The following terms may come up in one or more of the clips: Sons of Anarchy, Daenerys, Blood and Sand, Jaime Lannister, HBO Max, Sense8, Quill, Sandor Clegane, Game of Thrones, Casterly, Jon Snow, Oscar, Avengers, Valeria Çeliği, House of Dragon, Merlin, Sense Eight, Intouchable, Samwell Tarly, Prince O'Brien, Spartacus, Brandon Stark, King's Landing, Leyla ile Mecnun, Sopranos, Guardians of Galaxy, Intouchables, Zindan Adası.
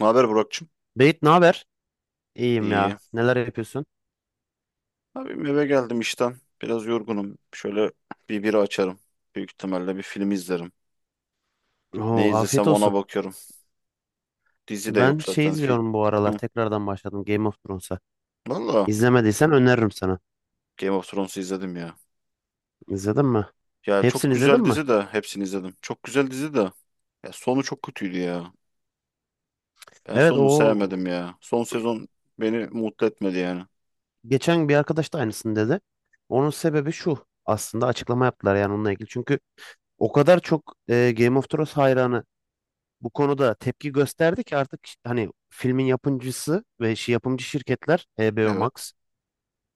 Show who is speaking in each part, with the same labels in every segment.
Speaker 1: Ne haber Burak'cığım?
Speaker 2: Beyt ne haber? İyiyim
Speaker 1: İyi.
Speaker 2: ya. Neler yapıyorsun?
Speaker 1: Abim eve geldim işten. Biraz yorgunum. Şöyle bir bira açarım. Büyük ihtimalle bir film izlerim.
Speaker 2: Oo,
Speaker 1: Ne
Speaker 2: afiyet
Speaker 1: izlesem ona
Speaker 2: olsun.
Speaker 1: bakıyorum. Dizi de
Speaker 2: Ben
Speaker 1: yok
Speaker 2: şey
Speaker 1: zaten. Fil...
Speaker 2: izliyorum bu aralar.
Speaker 1: Hı.
Speaker 2: Tekrardan başladım Game of Thrones'a.
Speaker 1: Valla
Speaker 2: İzlemediysen öneririm sana.
Speaker 1: Game of Thrones'u izledim ya.
Speaker 2: İzledin mi?
Speaker 1: Ya çok
Speaker 2: Hepsini izledin
Speaker 1: güzel
Speaker 2: mi?
Speaker 1: dizi de hepsini izledim. Çok güzel dizi de. Ya sonu çok kötüydü ya. Ben
Speaker 2: Evet,
Speaker 1: sonunu
Speaker 2: o
Speaker 1: sevmedim ya. Son sezon beni mutlu etmedi yani.
Speaker 2: geçen bir arkadaş da aynısını dedi. Onun sebebi şu. Aslında açıklama yaptılar yani onunla ilgili. Çünkü o kadar çok Game of Thrones hayranı bu konuda tepki gösterdi ki artık hani filmin yapımcısı ve yapımcı şirketler HBO
Speaker 1: Evet.
Speaker 2: Max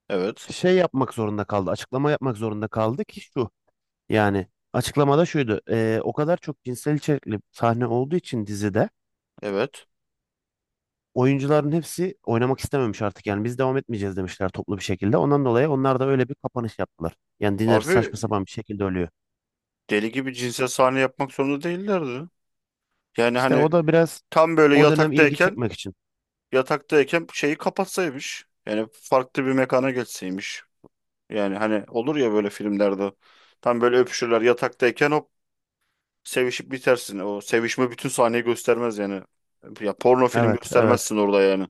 Speaker 1: Evet.
Speaker 2: şey yapmak zorunda kaldı. Açıklama yapmak zorunda kaldı ki şu. Yani açıklamada şuydu. O kadar çok cinsel içerikli sahne olduğu için dizide
Speaker 1: Evet.
Speaker 2: oyuncuların hepsi oynamak istememiş artık. Yani biz devam etmeyeceğiz demişler toplu bir şekilde. Ondan dolayı onlar da öyle bir kapanış yaptılar. Yani Daenerys
Speaker 1: Abi
Speaker 2: saçma sapan bir şekilde ölüyor.
Speaker 1: deli gibi cinsel sahne yapmak zorunda değillerdi. Yani
Speaker 2: İşte
Speaker 1: hani
Speaker 2: o da biraz
Speaker 1: tam böyle
Speaker 2: o dönem ilgi
Speaker 1: yataktayken
Speaker 2: çekmek için.
Speaker 1: şeyi kapatsaymış. Yani farklı bir mekana geçseymiş. Yani hani olur ya böyle filmlerde. Tam böyle öpüşürler yataktayken hop sevişip bitersin. O sevişme bütün sahneyi göstermez yani. Ya porno film
Speaker 2: Evet, evet.
Speaker 1: göstermezsin orada yani.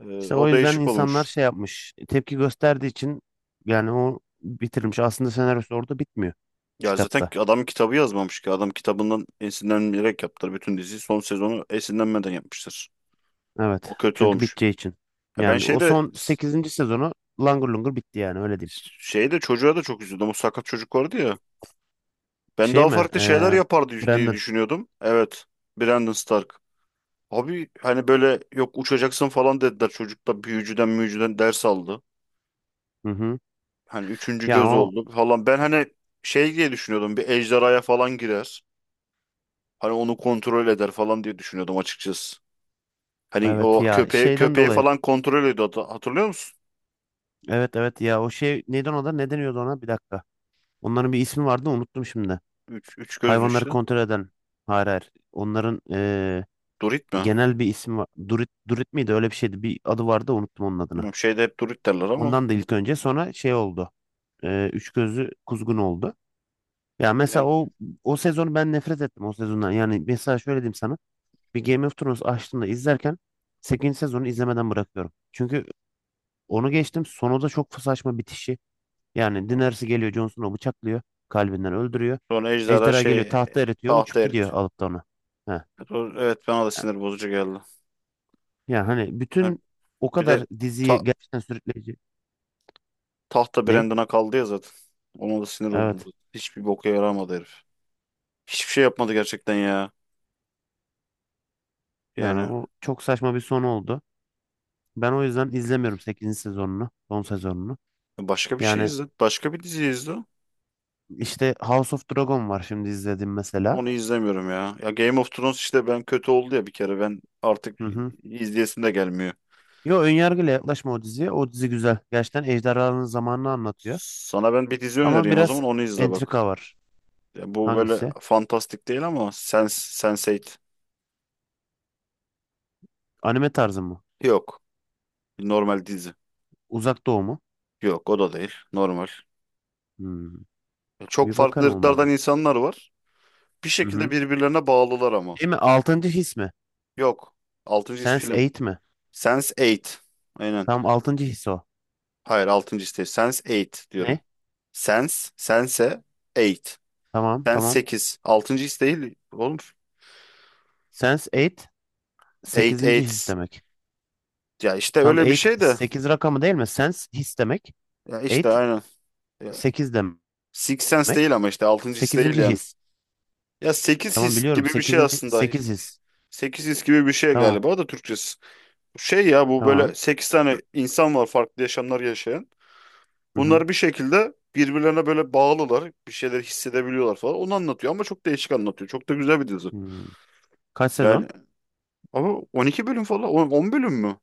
Speaker 2: İşte o
Speaker 1: O
Speaker 2: yüzden
Speaker 1: değişik
Speaker 2: insanlar
Speaker 1: olmuş.
Speaker 2: şey yapmış. Tepki gösterdiği için yani o bitirilmiş. Aslında senaryosu orada bitmiyor
Speaker 1: Ya zaten
Speaker 2: kitapta.
Speaker 1: adam kitabı yazmamış ki. Adam kitabından esinlenerek yaptılar bütün diziyi. Son sezonu esinlenmeden yapmışlar. O
Speaker 2: Evet.
Speaker 1: kötü
Speaker 2: Çünkü
Speaker 1: olmuş.
Speaker 2: biteceği için.
Speaker 1: Ya ben
Speaker 2: Yani o
Speaker 1: şeyde
Speaker 2: son sekizinci sezonu langır lungur bitti yani öyle diyeyim.
Speaker 1: çocuğa da çok üzüldüm. O sakat çocuk vardı ya. Ben
Speaker 2: Şey
Speaker 1: daha
Speaker 2: mi?
Speaker 1: farklı şeyler yapar diye
Speaker 2: Brandon.
Speaker 1: düşünüyordum. Evet. Brandon Stark. Abi hani böyle yok uçacaksın falan dediler. Çocuk da büyücüden müyücüden ders aldı.
Speaker 2: Hı hı.
Speaker 1: Hani üçüncü
Speaker 2: Ya
Speaker 1: göz
Speaker 2: o
Speaker 1: oldu falan. Ben hani şey diye düşünüyordum. Bir ejderhaya falan girer. Hani onu kontrol eder falan diye düşünüyordum açıkçası. Hani
Speaker 2: evet
Speaker 1: o
Speaker 2: ya
Speaker 1: köpeği
Speaker 2: şeyden
Speaker 1: köpeği
Speaker 2: dolayı.
Speaker 1: falan kontrol ediyordu. Hatırlıyor musun?
Speaker 2: Evet, evet, ya o şey neydi ona da ne deniyordu ona? Bir dakika. Onların bir ismi vardı unuttum şimdi.
Speaker 1: Üç gözlü
Speaker 2: Hayvanları
Speaker 1: işte.
Speaker 2: kontrol eden. Hayır, hayır. Onların
Speaker 1: Durit mi?
Speaker 2: genel bir ismi var. Durit, Durit miydi? Öyle bir şeydi. Bir adı vardı unuttum onun adını.
Speaker 1: Bilmiyorum, şeyde hep Durit derler ama.
Speaker 2: Ondan da ilk önce sonra şey oldu. Üç gözlü kuzgun oldu. Ya mesela
Speaker 1: Yani,
Speaker 2: o sezonu ben nefret ettim o sezondan. Yani mesela şöyle diyeyim sana. Bir Game of Thrones açtığımda izlerken sekizinci sezonu izlemeden bırakıyorum. Çünkü onu geçtim sonu da çok saçma bitişi. Yani Daenerys geliyor Jon Snow'u bıçaklıyor. Kalbinden öldürüyor.
Speaker 1: sonra ejderha
Speaker 2: Ejderha geliyor
Speaker 1: şey
Speaker 2: tahta eritiyor
Speaker 1: tahta
Speaker 2: uçup
Speaker 1: erit.
Speaker 2: gidiyor alıp da onu. Heh.
Speaker 1: Evet bana da sinir bozucu geldi.
Speaker 2: Yani hani
Speaker 1: Ha,
Speaker 2: bütün o
Speaker 1: bir de
Speaker 2: kadar diziyi
Speaker 1: ta-
Speaker 2: gerçekten sürükleyici.
Speaker 1: tahta
Speaker 2: Ne?
Speaker 1: Brandon'a kaldı ya zaten. Ona da sinir oldum
Speaker 2: Evet.
Speaker 1: zaten. Hiçbir boka yaramadı herif. Hiçbir şey yapmadı gerçekten ya.
Speaker 2: Yani
Speaker 1: Yani
Speaker 2: o çok saçma bir sonu oldu. Ben o yüzden izlemiyorum sekizinci sezonunu, son sezonunu.
Speaker 1: başka bir şey
Speaker 2: Yani
Speaker 1: izle. Başka bir dizi izle.
Speaker 2: işte House of Dragon var şimdi izlediğim mesela.
Speaker 1: Onu izlemiyorum ya. Ya Game of Thrones işte ben kötü oldu ya bir kere. Ben artık
Speaker 2: Hı hı.
Speaker 1: izleyesim de gelmiyor.
Speaker 2: Yo, önyargıyla yaklaşma o diziye. O dizi güzel. Gerçekten ejderhaların zamanını anlatıyor.
Speaker 1: Sana ben bir dizi
Speaker 2: Ama
Speaker 1: önereyim o
Speaker 2: biraz
Speaker 1: zaman onu izle bak.
Speaker 2: entrika var.
Speaker 1: Ya bu böyle
Speaker 2: Hangisi?
Speaker 1: fantastik değil ama Sense8.
Speaker 2: Anime tarzı mı?
Speaker 1: Yok. Normal dizi.
Speaker 2: Uzak Doğu mu?
Speaker 1: Yok o da değil. Normal.
Speaker 2: Hmm.
Speaker 1: Çok
Speaker 2: Bir
Speaker 1: farklı
Speaker 2: bakarım
Speaker 1: ırklardan
Speaker 2: olmadı.
Speaker 1: insanlar var. Bir
Speaker 2: Hı
Speaker 1: şekilde
Speaker 2: hı.
Speaker 1: birbirlerine bağlılar ama.
Speaker 2: Değil mi? Altıncı his mi?
Speaker 1: Yok. Altıncı his
Speaker 2: Sense
Speaker 1: film.
Speaker 2: Eight mi?
Speaker 1: Sense eight. Aynen.
Speaker 2: Tam altıncı his o.
Speaker 1: Hayır altıncı his değil. Sense eight diyorum.
Speaker 2: Ne?
Speaker 1: Sense eight.
Speaker 2: Tamam,
Speaker 1: Sense
Speaker 2: tamam.
Speaker 1: sekiz. Altıncı his değil oğlum.
Speaker 2: Sense Eight
Speaker 1: eight
Speaker 2: sekizinci his
Speaker 1: eight
Speaker 2: demek.
Speaker 1: Ya işte
Speaker 2: Tam
Speaker 1: öyle bir
Speaker 2: Eight
Speaker 1: şey de.
Speaker 2: 8 rakamı değil mi? Sense his demek.
Speaker 1: Ya işte
Speaker 2: 8
Speaker 1: aynen. Ya,
Speaker 2: 8
Speaker 1: Six Sense
Speaker 2: demek.
Speaker 1: değil ama işte altıncı his değil
Speaker 2: Sekizinci
Speaker 1: yani.
Speaker 2: his.
Speaker 1: Ya 8
Speaker 2: Tamam
Speaker 1: his
Speaker 2: biliyorum.
Speaker 1: gibi bir şey
Speaker 2: Sekizinci
Speaker 1: aslında.
Speaker 2: 8 his.
Speaker 1: Sekiz his gibi bir şey
Speaker 2: Tamam,
Speaker 1: galiba da Türkçesi. Şey ya bu böyle
Speaker 2: tamam.
Speaker 1: 8 tane insan var farklı yaşamlar yaşayan.
Speaker 2: Hı hı.
Speaker 1: Bunlar bir şekilde birbirlerine böyle bağlılar. Bir şeyler hissedebiliyorlar falan. Onu anlatıyor ama çok değişik anlatıyor. Çok da güzel bir dizi.
Speaker 2: Hmm. Kaç
Speaker 1: Yani
Speaker 2: sezon?
Speaker 1: ama 12 bölüm falan. 10 bölüm mü?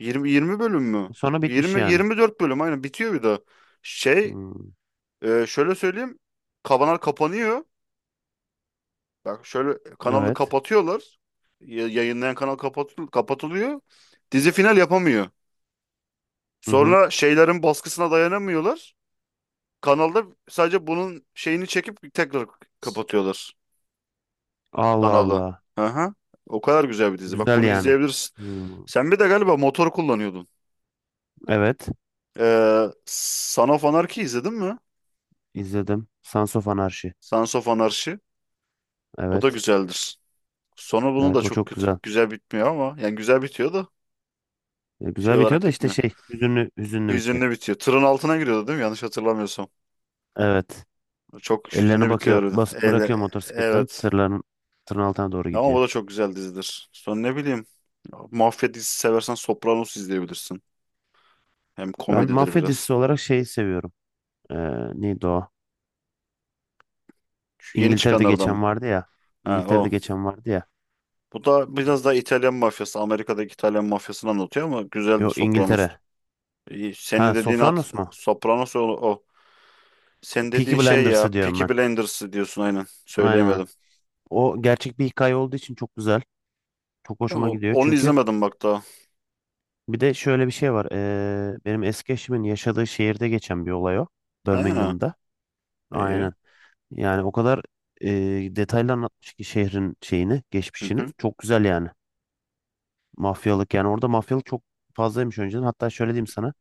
Speaker 1: 20 bölüm mü?
Speaker 2: Sonra bitmiş
Speaker 1: 20
Speaker 2: yani.
Speaker 1: 24 bölüm aynen bitiyor bir daha. Şey
Speaker 2: Hmm.
Speaker 1: şöyle söyleyeyim. Kanal kapanıyor. Bak şöyle kanalı
Speaker 2: Evet.
Speaker 1: kapatıyorlar. Yayınlayan kanal kapatılıyor. Dizi final yapamıyor.
Speaker 2: Hı hı.
Speaker 1: Sonra şeylerin baskısına dayanamıyorlar. Kanalda sadece bunun şeyini çekip tekrar kapatıyorlar.
Speaker 2: Allah
Speaker 1: Kanalı.
Speaker 2: Allah.
Speaker 1: Hı hı. O kadar güzel bir dizi. Bak
Speaker 2: Güzel
Speaker 1: bunu
Speaker 2: yani.
Speaker 1: izleyebilirsin.
Speaker 2: Hmm.
Speaker 1: Sen bir de galiba motor kullanıyordun.
Speaker 2: Evet.
Speaker 1: Son of Anarchy izledin mi?
Speaker 2: İzledim. Sons of Anarchy.
Speaker 1: Sons of Anarchy. O da
Speaker 2: Evet.
Speaker 1: güzeldir. Sonu bunun da
Speaker 2: Evet, o
Speaker 1: çok
Speaker 2: çok
Speaker 1: kötü,
Speaker 2: güzel.
Speaker 1: güzel bitmiyor ama. Yani güzel bitiyor da şey
Speaker 2: Güzel bitiyor
Speaker 1: olarak
Speaker 2: da işte
Speaker 1: bitmiyor.
Speaker 2: şey hüzünlü hüzünlü bitiyor.
Speaker 1: Hüzünlü bitiyor. Tırın altına giriyordu değil mi? Yanlış hatırlamıyorsam.
Speaker 2: Evet.
Speaker 1: Çok
Speaker 2: Ellerini
Speaker 1: hüzünlü
Speaker 2: bakıyor
Speaker 1: bitiyor
Speaker 2: bas,
Speaker 1: harbiden.
Speaker 2: bırakıyor motosikletten
Speaker 1: Evet.
Speaker 2: tırın altına doğru
Speaker 1: Ama
Speaker 2: gidiyor.
Speaker 1: bu da çok güzel dizidir. Sonra ne bileyim. Mafya dizisi seversen Sopranos izleyebilirsin. Hem
Speaker 2: Ben
Speaker 1: komedidir
Speaker 2: mafya dizisi
Speaker 1: biraz.
Speaker 2: olarak şeyi seviyorum. Ee, Neydi o?
Speaker 1: Şu yeni
Speaker 2: İngiltere'de
Speaker 1: çıkanlardan mı?
Speaker 2: geçen vardı ya.
Speaker 1: Ha
Speaker 2: İngiltere'de
Speaker 1: o.
Speaker 2: geçen vardı ya.
Speaker 1: Bu da biraz daha İtalyan mafyası, Amerika'daki İtalyan mafyasını anlatıyor ama güzeldir
Speaker 2: Yok,
Speaker 1: Sopranos.
Speaker 2: İngiltere.
Speaker 1: İyi, senin
Speaker 2: Ha,
Speaker 1: dediğin at,
Speaker 2: Sopranos mu?
Speaker 1: Sopranos o, o. Senin
Speaker 2: Peaky
Speaker 1: dediğin şey ya,
Speaker 2: Blinders'ı diyorum
Speaker 1: Peaky
Speaker 2: ben.
Speaker 1: Blinders diyorsun aynen.
Speaker 2: Aynen.
Speaker 1: Söyleyemedim.
Speaker 2: O gerçek bir hikaye olduğu için çok güzel. Çok
Speaker 1: Ya
Speaker 2: hoşuma gidiyor.
Speaker 1: onu
Speaker 2: Çünkü
Speaker 1: izlemedim bak daha.
Speaker 2: bir de şöyle bir şey var. Benim eski eşimin yaşadığı şehirde geçen bir olay o.
Speaker 1: He,
Speaker 2: Birmingham'da.
Speaker 1: iyi.
Speaker 2: Aynen. Yani o kadar e, detaylı anlatmış ki şehrin şeyini,
Speaker 1: Hı
Speaker 2: geçmişini.
Speaker 1: hı,
Speaker 2: Çok güzel yani. Mafyalık yani orada mafyalık çok fazlaymış önceden. Hatta şöyle diyeyim sana.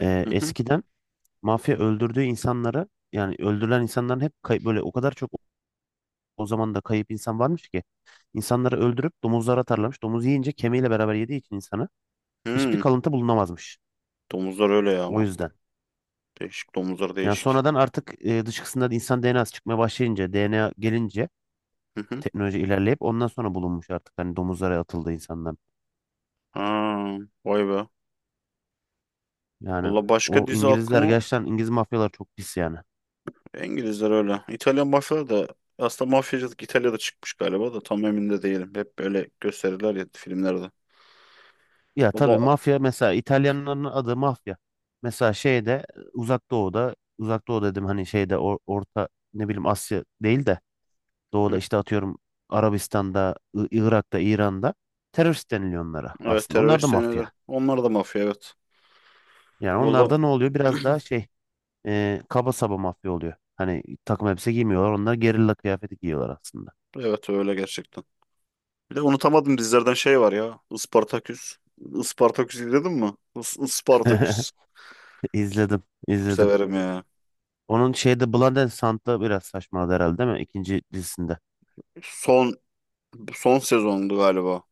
Speaker 1: hı hı.
Speaker 2: Eskiden mafya öldürdüğü insanları yani öldürülen insanların hep böyle o kadar çok o zaman da kayıp insan varmış ki insanları öldürüp domuzlara atarlarmış. Domuz yiyince kemiğiyle beraber yediği için insanı hiçbir
Speaker 1: Hı.
Speaker 2: kalıntı bulunamazmış.
Speaker 1: Domuzlar öyle ya
Speaker 2: O
Speaker 1: ama.
Speaker 2: yüzden.
Speaker 1: Değişik domuzlar
Speaker 2: Yani
Speaker 1: değişik.
Speaker 2: sonradan artık dışkısında insan DNA'sı çıkmaya başlayınca, DNA gelince
Speaker 1: Hı hı.
Speaker 2: teknoloji ilerleyip ondan sonra bulunmuş artık hani domuzlara atıldı insanlar.
Speaker 1: Ha, vay be.
Speaker 2: Yani
Speaker 1: Valla başka
Speaker 2: o
Speaker 1: dizi
Speaker 2: İngilizler
Speaker 1: aklıma
Speaker 2: gerçekten İngiliz mafyalar çok pis yani.
Speaker 1: İngilizler öyle. İtalyan mafyaları da aslında mafyacılık İtalya'da çıkmış galiba da tam emin de değilim. Hep böyle gösterirler ya filmlerde.
Speaker 2: Ya tabii
Speaker 1: Valla
Speaker 2: mafya mesela İtalyanların adı mafya. Mesela şeyde Uzak Doğu'da Uzak Doğu dedim hani şeyde orta ne bileyim Asya değil de Doğu'da
Speaker 1: hı,
Speaker 2: işte atıyorum Arabistan'da, Irak'ta, İran'da terörist deniliyor onlara
Speaker 1: evet
Speaker 2: aslında. Onlar da
Speaker 1: terörist deniyorlar.
Speaker 2: mafya.
Speaker 1: Onlar da mafya evet.
Speaker 2: Yani
Speaker 1: Valla
Speaker 2: onlarda ne oluyor? Biraz daha şey kaba saba mafya oluyor. Hani takım elbise giymiyorlar. Onlar gerilla kıyafeti giyiyorlar aslında.
Speaker 1: evet öyle gerçekten. Bir de unutamadım dizilerden şey var ya. Ispartaküs. Ispartaküs izledin mi? Ispartaküs.
Speaker 2: İzledim,
Speaker 1: Çok
Speaker 2: izledim.
Speaker 1: severim ya.
Speaker 2: Onun şeyde Blood and Sand'da biraz saçmaladı herhalde değil mi? İkinci dizisinde.
Speaker 1: Son son sezondu galiba.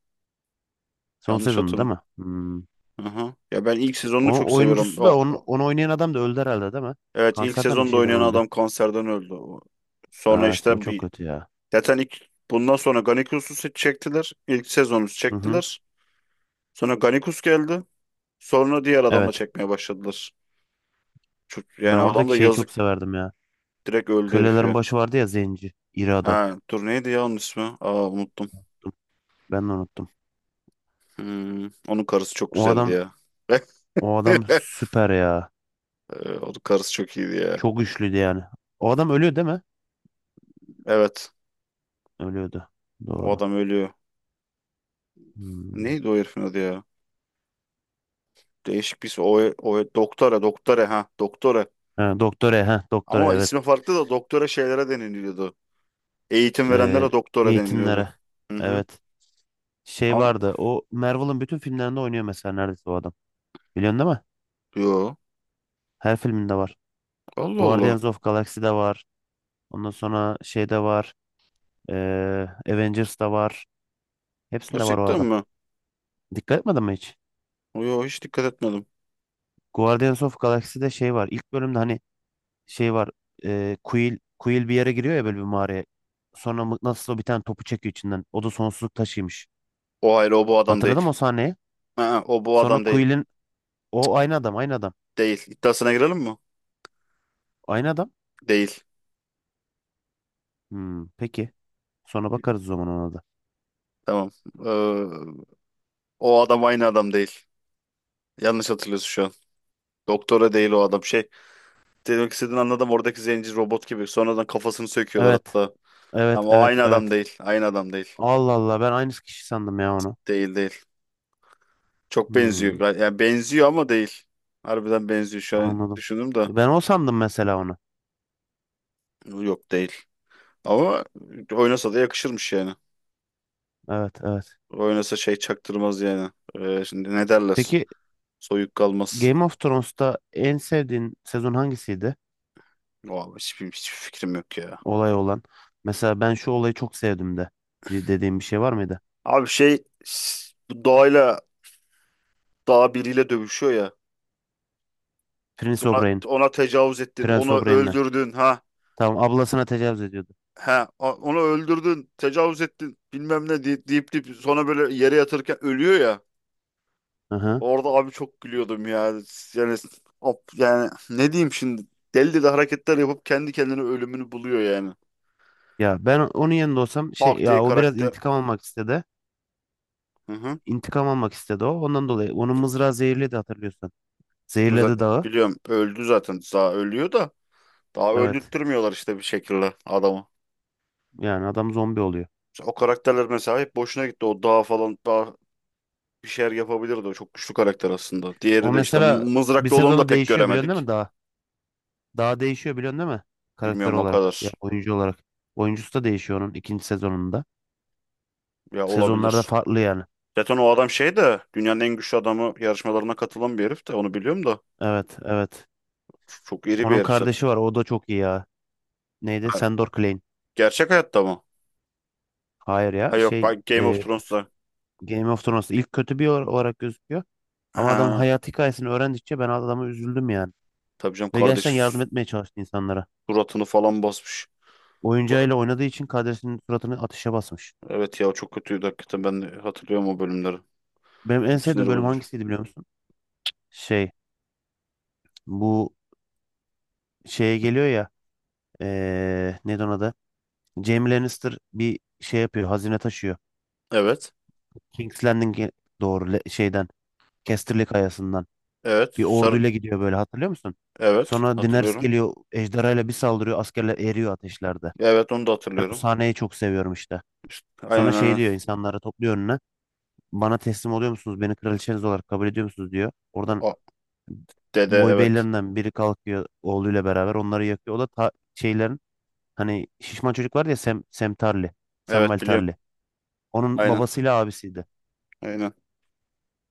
Speaker 2: Son
Speaker 1: Yanlış
Speaker 2: sezonda değil
Speaker 1: hatırlam.
Speaker 2: mi? Hmm.
Speaker 1: Aha. Ya ben ilk sezonunu çok
Speaker 2: O
Speaker 1: seviyorum.
Speaker 2: oyuncusu da onu, onu oynayan adam da öldü herhalde değil mi?
Speaker 1: Evet ilk
Speaker 2: Kanserden bir
Speaker 1: sezonda
Speaker 2: şeyden
Speaker 1: oynayan
Speaker 2: öldü.
Speaker 1: adam kanserden öldü. Sonra
Speaker 2: Evet, o
Speaker 1: işte
Speaker 2: çok
Speaker 1: bir
Speaker 2: kötü ya.
Speaker 1: zaten ilk bundan sonra Ganikusus'u çektiler. İlk sezonu
Speaker 2: Hı hı.
Speaker 1: çektiler. Sonra Ganikus geldi. Sonra diğer adamla
Speaker 2: Evet.
Speaker 1: çekmeye başladılar. Çok,
Speaker 2: Ben
Speaker 1: yani adam
Speaker 2: oradaki
Speaker 1: da
Speaker 2: şeyi çok
Speaker 1: yazık
Speaker 2: severdim ya.
Speaker 1: direkt öldü herif
Speaker 2: Kölelerin
Speaker 1: ya.
Speaker 2: başı vardı ya zenci. İri adam.
Speaker 1: Ha, dur neydi ya onun ismi? Aa unuttum.
Speaker 2: Ben de unuttum.
Speaker 1: Hmm, onun karısı çok
Speaker 2: O
Speaker 1: güzeldi
Speaker 2: adam
Speaker 1: ya.
Speaker 2: o adam süper ya.
Speaker 1: Onun karısı çok iyiydi ya.
Speaker 2: Çok güçlüydü yani. O adam ölüyor değil mi?
Speaker 1: Evet.
Speaker 2: Ölüyordu.
Speaker 1: O
Speaker 2: Doğru.
Speaker 1: adam ölüyor.
Speaker 2: Hmm.
Speaker 1: Neydi o herifin adı ya? Değişik bir isim. O, o doktora ha doktora.
Speaker 2: Ha, doktora, ha, doktora,
Speaker 1: Ama
Speaker 2: evet.
Speaker 1: ismi farklı da doktora şeylere deniliyordu. Eğitim
Speaker 2: Ee,
Speaker 1: verenlere doktora deniliyordu.
Speaker 2: Eğitimlere.
Speaker 1: Hı hı.
Speaker 2: Evet. Şey
Speaker 1: Ama
Speaker 2: vardı. O Marvel'ın bütün filmlerinde oynuyor mesela neredeyse o adam. Biliyorsun değil mi?
Speaker 1: yo.
Speaker 2: Her filminde var.
Speaker 1: Allah Allah.
Speaker 2: Guardians of Galaxy'de var. Ondan sonra şeyde var. Avengers'da var. Hepsinde var o
Speaker 1: Gerçekten
Speaker 2: adam.
Speaker 1: mi?
Speaker 2: Dikkat etmedin mi hiç?
Speaker 1: Yo hiç dikkat etmedim.
Speaker 2: Guardians of Galaxy'de şey var. İlk bölümde hani şey var. E, Quill bir yere giriyor ya böyle bir mağaraya. Sonra mıknatısla bir tane topu çekiyor içinden. O da sonsuzluk taşıymış.
Speaker 1: O hayır o bu adam değil.
Speaker 2: Hatırladın mı o sahneyi?
Speaker 1: Ha, o bu
Speaker 2: Sonra
Speaker 1: adam değil.
Speaker 2: Quill'in o aynı adam.
Speaker 1: Değil. İddiasına girelim mi?
Speaker 2: Aynı adam.
Speaker 1: Değil.
Speaker 2: Hmm, peki. Sonra bakarız o zaman ona da.
Speaker 1: Tamam. Ee, O adam aynı adam değil. Yanlış hatırlıyorsun şu an. Doktora değil o adam. Şey, demek istediğini anladım. Oradaki zenci robot gibi. Sonradan kafasını söküyorlar
Speaker 2: Evet.
Speaker 1: hatta.
Speaker 2: Evet,
Speaker 1: Ama o
Speaker 2: evet,
Speaker 1: aynı adam
Speaker 2: evet.
Speaker 1: değil. Aynı adam değil.
Speaker 2: Allah Allah, ben aynı kişi sandım ya onu.
Speaker 1: Değil değil. Çok
Speaker 2: Hmm,
Speaker 1: benziyor. Yani benziyor ama değil. Harbiden benziyor. Şu an
Speaker 2: anladım.
Speaker 1: düşündüm de.
Speaker 2: Ben o sandım mesela onu.
Speaker 1: Yok değil. Ama oynasa da yakışırmış yani.
Speaker 2: Evet, evet.
Speaker 1: Oynasa şey çaktırmaz yani. Şimdi ne derler?
Speaker 2: Peki
Speaker 1: Soyuk kalmaz.
Speaker 2: Game of Thrones'ta en sevdiğin sezon hangisiydi?
Speaker 1: Vallahi hiçbir fikrim yok ya.
Speaker 2: Olay olan. Mesela ben şu olayı çok sevdim de dediğim bir şey var mıydı?
Speaker 1: Abi şey bu doğayla dağ biriyle dövüşüyor ya.
Speaker 2: Prince
Speaker 1: Ona,
Speaker 2: O'Brien.
Speaker 1: ona tecavüz ettin,
Speaker 2: Prince
Speaker 1: onu
Speaker 2: O'Brien'le.
Speaker 1: öldürdün ha.
Speaker 2: Tamam, ablasına tecavüz ediyordu.
Speaker 1: Ha, onu öldürdün, tecavüz ettin, bilmem ne deyip deyip sonra böyle yere yatırırken ölüyor ya.
Speaker 2: Hı hı.
Speaker 1: Orada abi çok gülüyordum ya. Yani, hop, yani ne diyeyim şimdi? Deli deli hareketler yapıp kendi kendine ölümünü buluyor yani.
Speaker 2: Ya ben onun yanında olsam şey
Speaker 1: Tak diye
Speaker 2: ya o biraz
Speaker 1: karakter.
Speaker 2: intikam almak istedi.
Speaker 1: Hı hı.
Speaker 2: İntikam almak istedi o. Ondan dolayı onun mızrağı zehirledi hatırlıyorsan. Zehirledi
Speaker 1: Zaten
Speaker 2: dağı.
Speaker 1: biliyorum öldü zaten. Daha ölüyor da daha
Speaker 2: Evet.
Speaker 1: öldürtmüyorlar işte bir şekilde adamı.
Speaker 2: Yani adam zombi oluyor.
Speaker 1: O karakterler mesela hep boşuna gitti. O dağ falan daha bir şeyler yapabilirdi. O çok güçlü karakter aslında.
Speaker 2: O
Speaker 1: Diğeri de işte
Speaker 2: mesela bir
Speaker 1: mızraklı olanı da
Speaker 2: sezonda
Speaker 1: pek
Speaker 2: değişiyor biliyorsun değil
Speaker 1: göremedik.
Speaker 2: mi daha? Daha değişiyor biliyorsun değil mi? Karakter
Speaker 1: Bilmiyorum o
Speaker 2: olarak. Ya
Speaker 1: kadar.
Speaker 2: oyuncu olarak. Oyuncusu da değişiyor onun ikinci sezonunda.
Speaker 1: Ya
Speaker 2: Sezonlarda
Speaker 1: olabilir.
Speaker 2: farklı yani.
Speaker 1: Zaten o adam şey de dünyanın en güçlü adamı yarışmalarına katılan bir herif de onu biliyorum da.
Speaker 2: Evet, evet.
Speaker 1: Çok iri bir
Speaker 2: Onun
Speaker 1: herif zaten.
Speaker 2: kardeşi var. O da çok iyi ya. Neydi?
Speaker 1: Ha,
Speaker 2: Sandor Clegane.
Speaker 1: gerçek hayatta mı?
Speaker 2: Hayır
Speaker 1: Ha
Speaker 2: ya.
Speaker 1: yok
Speaker 2: Şey
Speaker 1: bak Game of Thrones'ta.
Speaker 2: Game of Thrones ilk kötü bir olarak gözüküyor. Ama adamın
Speaker 1: Ha,
Speaker 2: hayat hikayesini öğrendikçe ben adama üzüldüm yani.
Speaker 1: tabii canım
Speaker 2: Ve gerçekten
Speaker 1: kardeşi
Speaker 2: yardım etmeye çalıştı insanlara.
Speaker 1: suratını falan basmış. O-
Speaker 2: Oyuncağıyla oynadığı için kadresinin suratını ateşe basmış.
Speaker 1: Evet ya çok kötüydü hakikaten ben hatırlıyorum o bölümleri.
Speaker 2: Benim en
Speaker 1: Çok sinir
Speaker 2: sevdiğim bölüm
Speaker 1: bozucu.
Speaker 2: hangisiydi biliyor musun? Şey, bu şeye geliyor ya neydi ona da? Jaime Lannister bir şey yapıyor. Hazine taşıyor.
Speaker 1: Evet.
Speaker 2: King's Landing'e doğru şeyden Casterly kayasından.
Speaker 1: Evet.
Speaker 2: Bir
Speaker 1: Sarı,
Speaker 2: orduyla gidiyor böyle hatırlıyor musun?
Speaker 1: evet,
Speaker 2: Sonra Daenerys
Speaker 1: hatırlıyorum.
Speaker 2: geliyor ejderhayla bir saldırıyor askerler eriyor ateşlerde.
Speaker 1: Evet, onu da
Speaker 2: Ben o
Speaker 1: hatırlıyorum.
Speaker 2: sahneyi çok seviyorum işte. Sonra
Speaker 1: Aynen
Speaker 2: şey
Speaker 1: aynen.
Speaker 2: diyor insanları topluyor önüne. Bana teslim oluyor musunuz? Beni kraliçeniz olarak kabul ediyor musunuz diyor. Oradan
Speaker 1: O dede
Speaker 2: boy
Speaker 1: evet.
Speaker 2: beylerinden biri kalkıyor oğluyla beraber onları yakıyor. O da şeylerin hani şişman çocuk var ya Sem Tarly. Samwell
Speaker 1: Evet biliyorum.
Speaker 2: Tarly. Onun
Speaker 1: Aynen.
Speaker 2: babasıyla abisiydi.
Speaker 1: Aynen.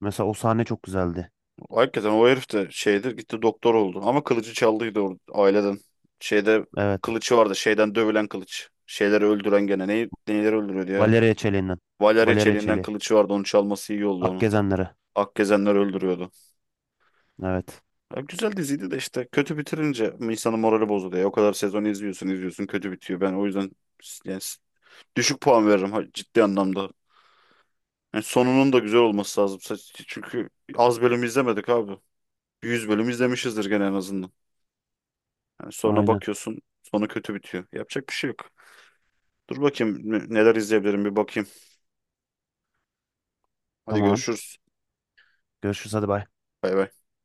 Speaker 2: Mesela o sahne çok güzeldi.
Speaker 1: Hakikaten o herif de şeydir gitti doktor oldu. Ama kılıcı çaldıydı aileden. Şeyde
Speaker 2: Evet.
Speaker 1: kılıcı vardı. Şeyden dövülen kılıç. Şeyleri öldüren gene. Neyleri öldürüyordu ya?
Speaker 2: Valeria Çeliği'nden.
Speaker 1: Valarya
Speaker 2: Valeria
Speaker 1: çeliğinden
Speaker 2: Çeliği.
Speaker 1: kılıcı vardı. Onu çalması iyi oldu onu.
Speaker 2: Akgezenleri.
Speaker 1: Akgezenler öldürüyordu.
Speaker 2: Evet.
Speaker 1: Ya güzel diziydi de işte kötü bitirince insanın morali bozuluyor ya. O kadar sezon izliyorsun izliyorsun kötü bitiyor. Ben o yüzden yani düşük puan veririm ciddi anlamda. Yani sonunun da güzel olması lazım. Çünkü az bölüm izlemedik abi. 100 bölüm izlemişizdir gene en azından. Yani sonra
Speaker 2: Aynen.
Speaker 1: bakıyorsun sonu kötü bitiyor. Yapacak bir şey yok. Dur bakayım neler izleyebilirim bir bakayım. Hadi
Speaker 2: Tamam.
Speaker 1: görüşürüz.
Speaker 2: Görüşürüz hadi bay.
Speaker 1: Bay bay.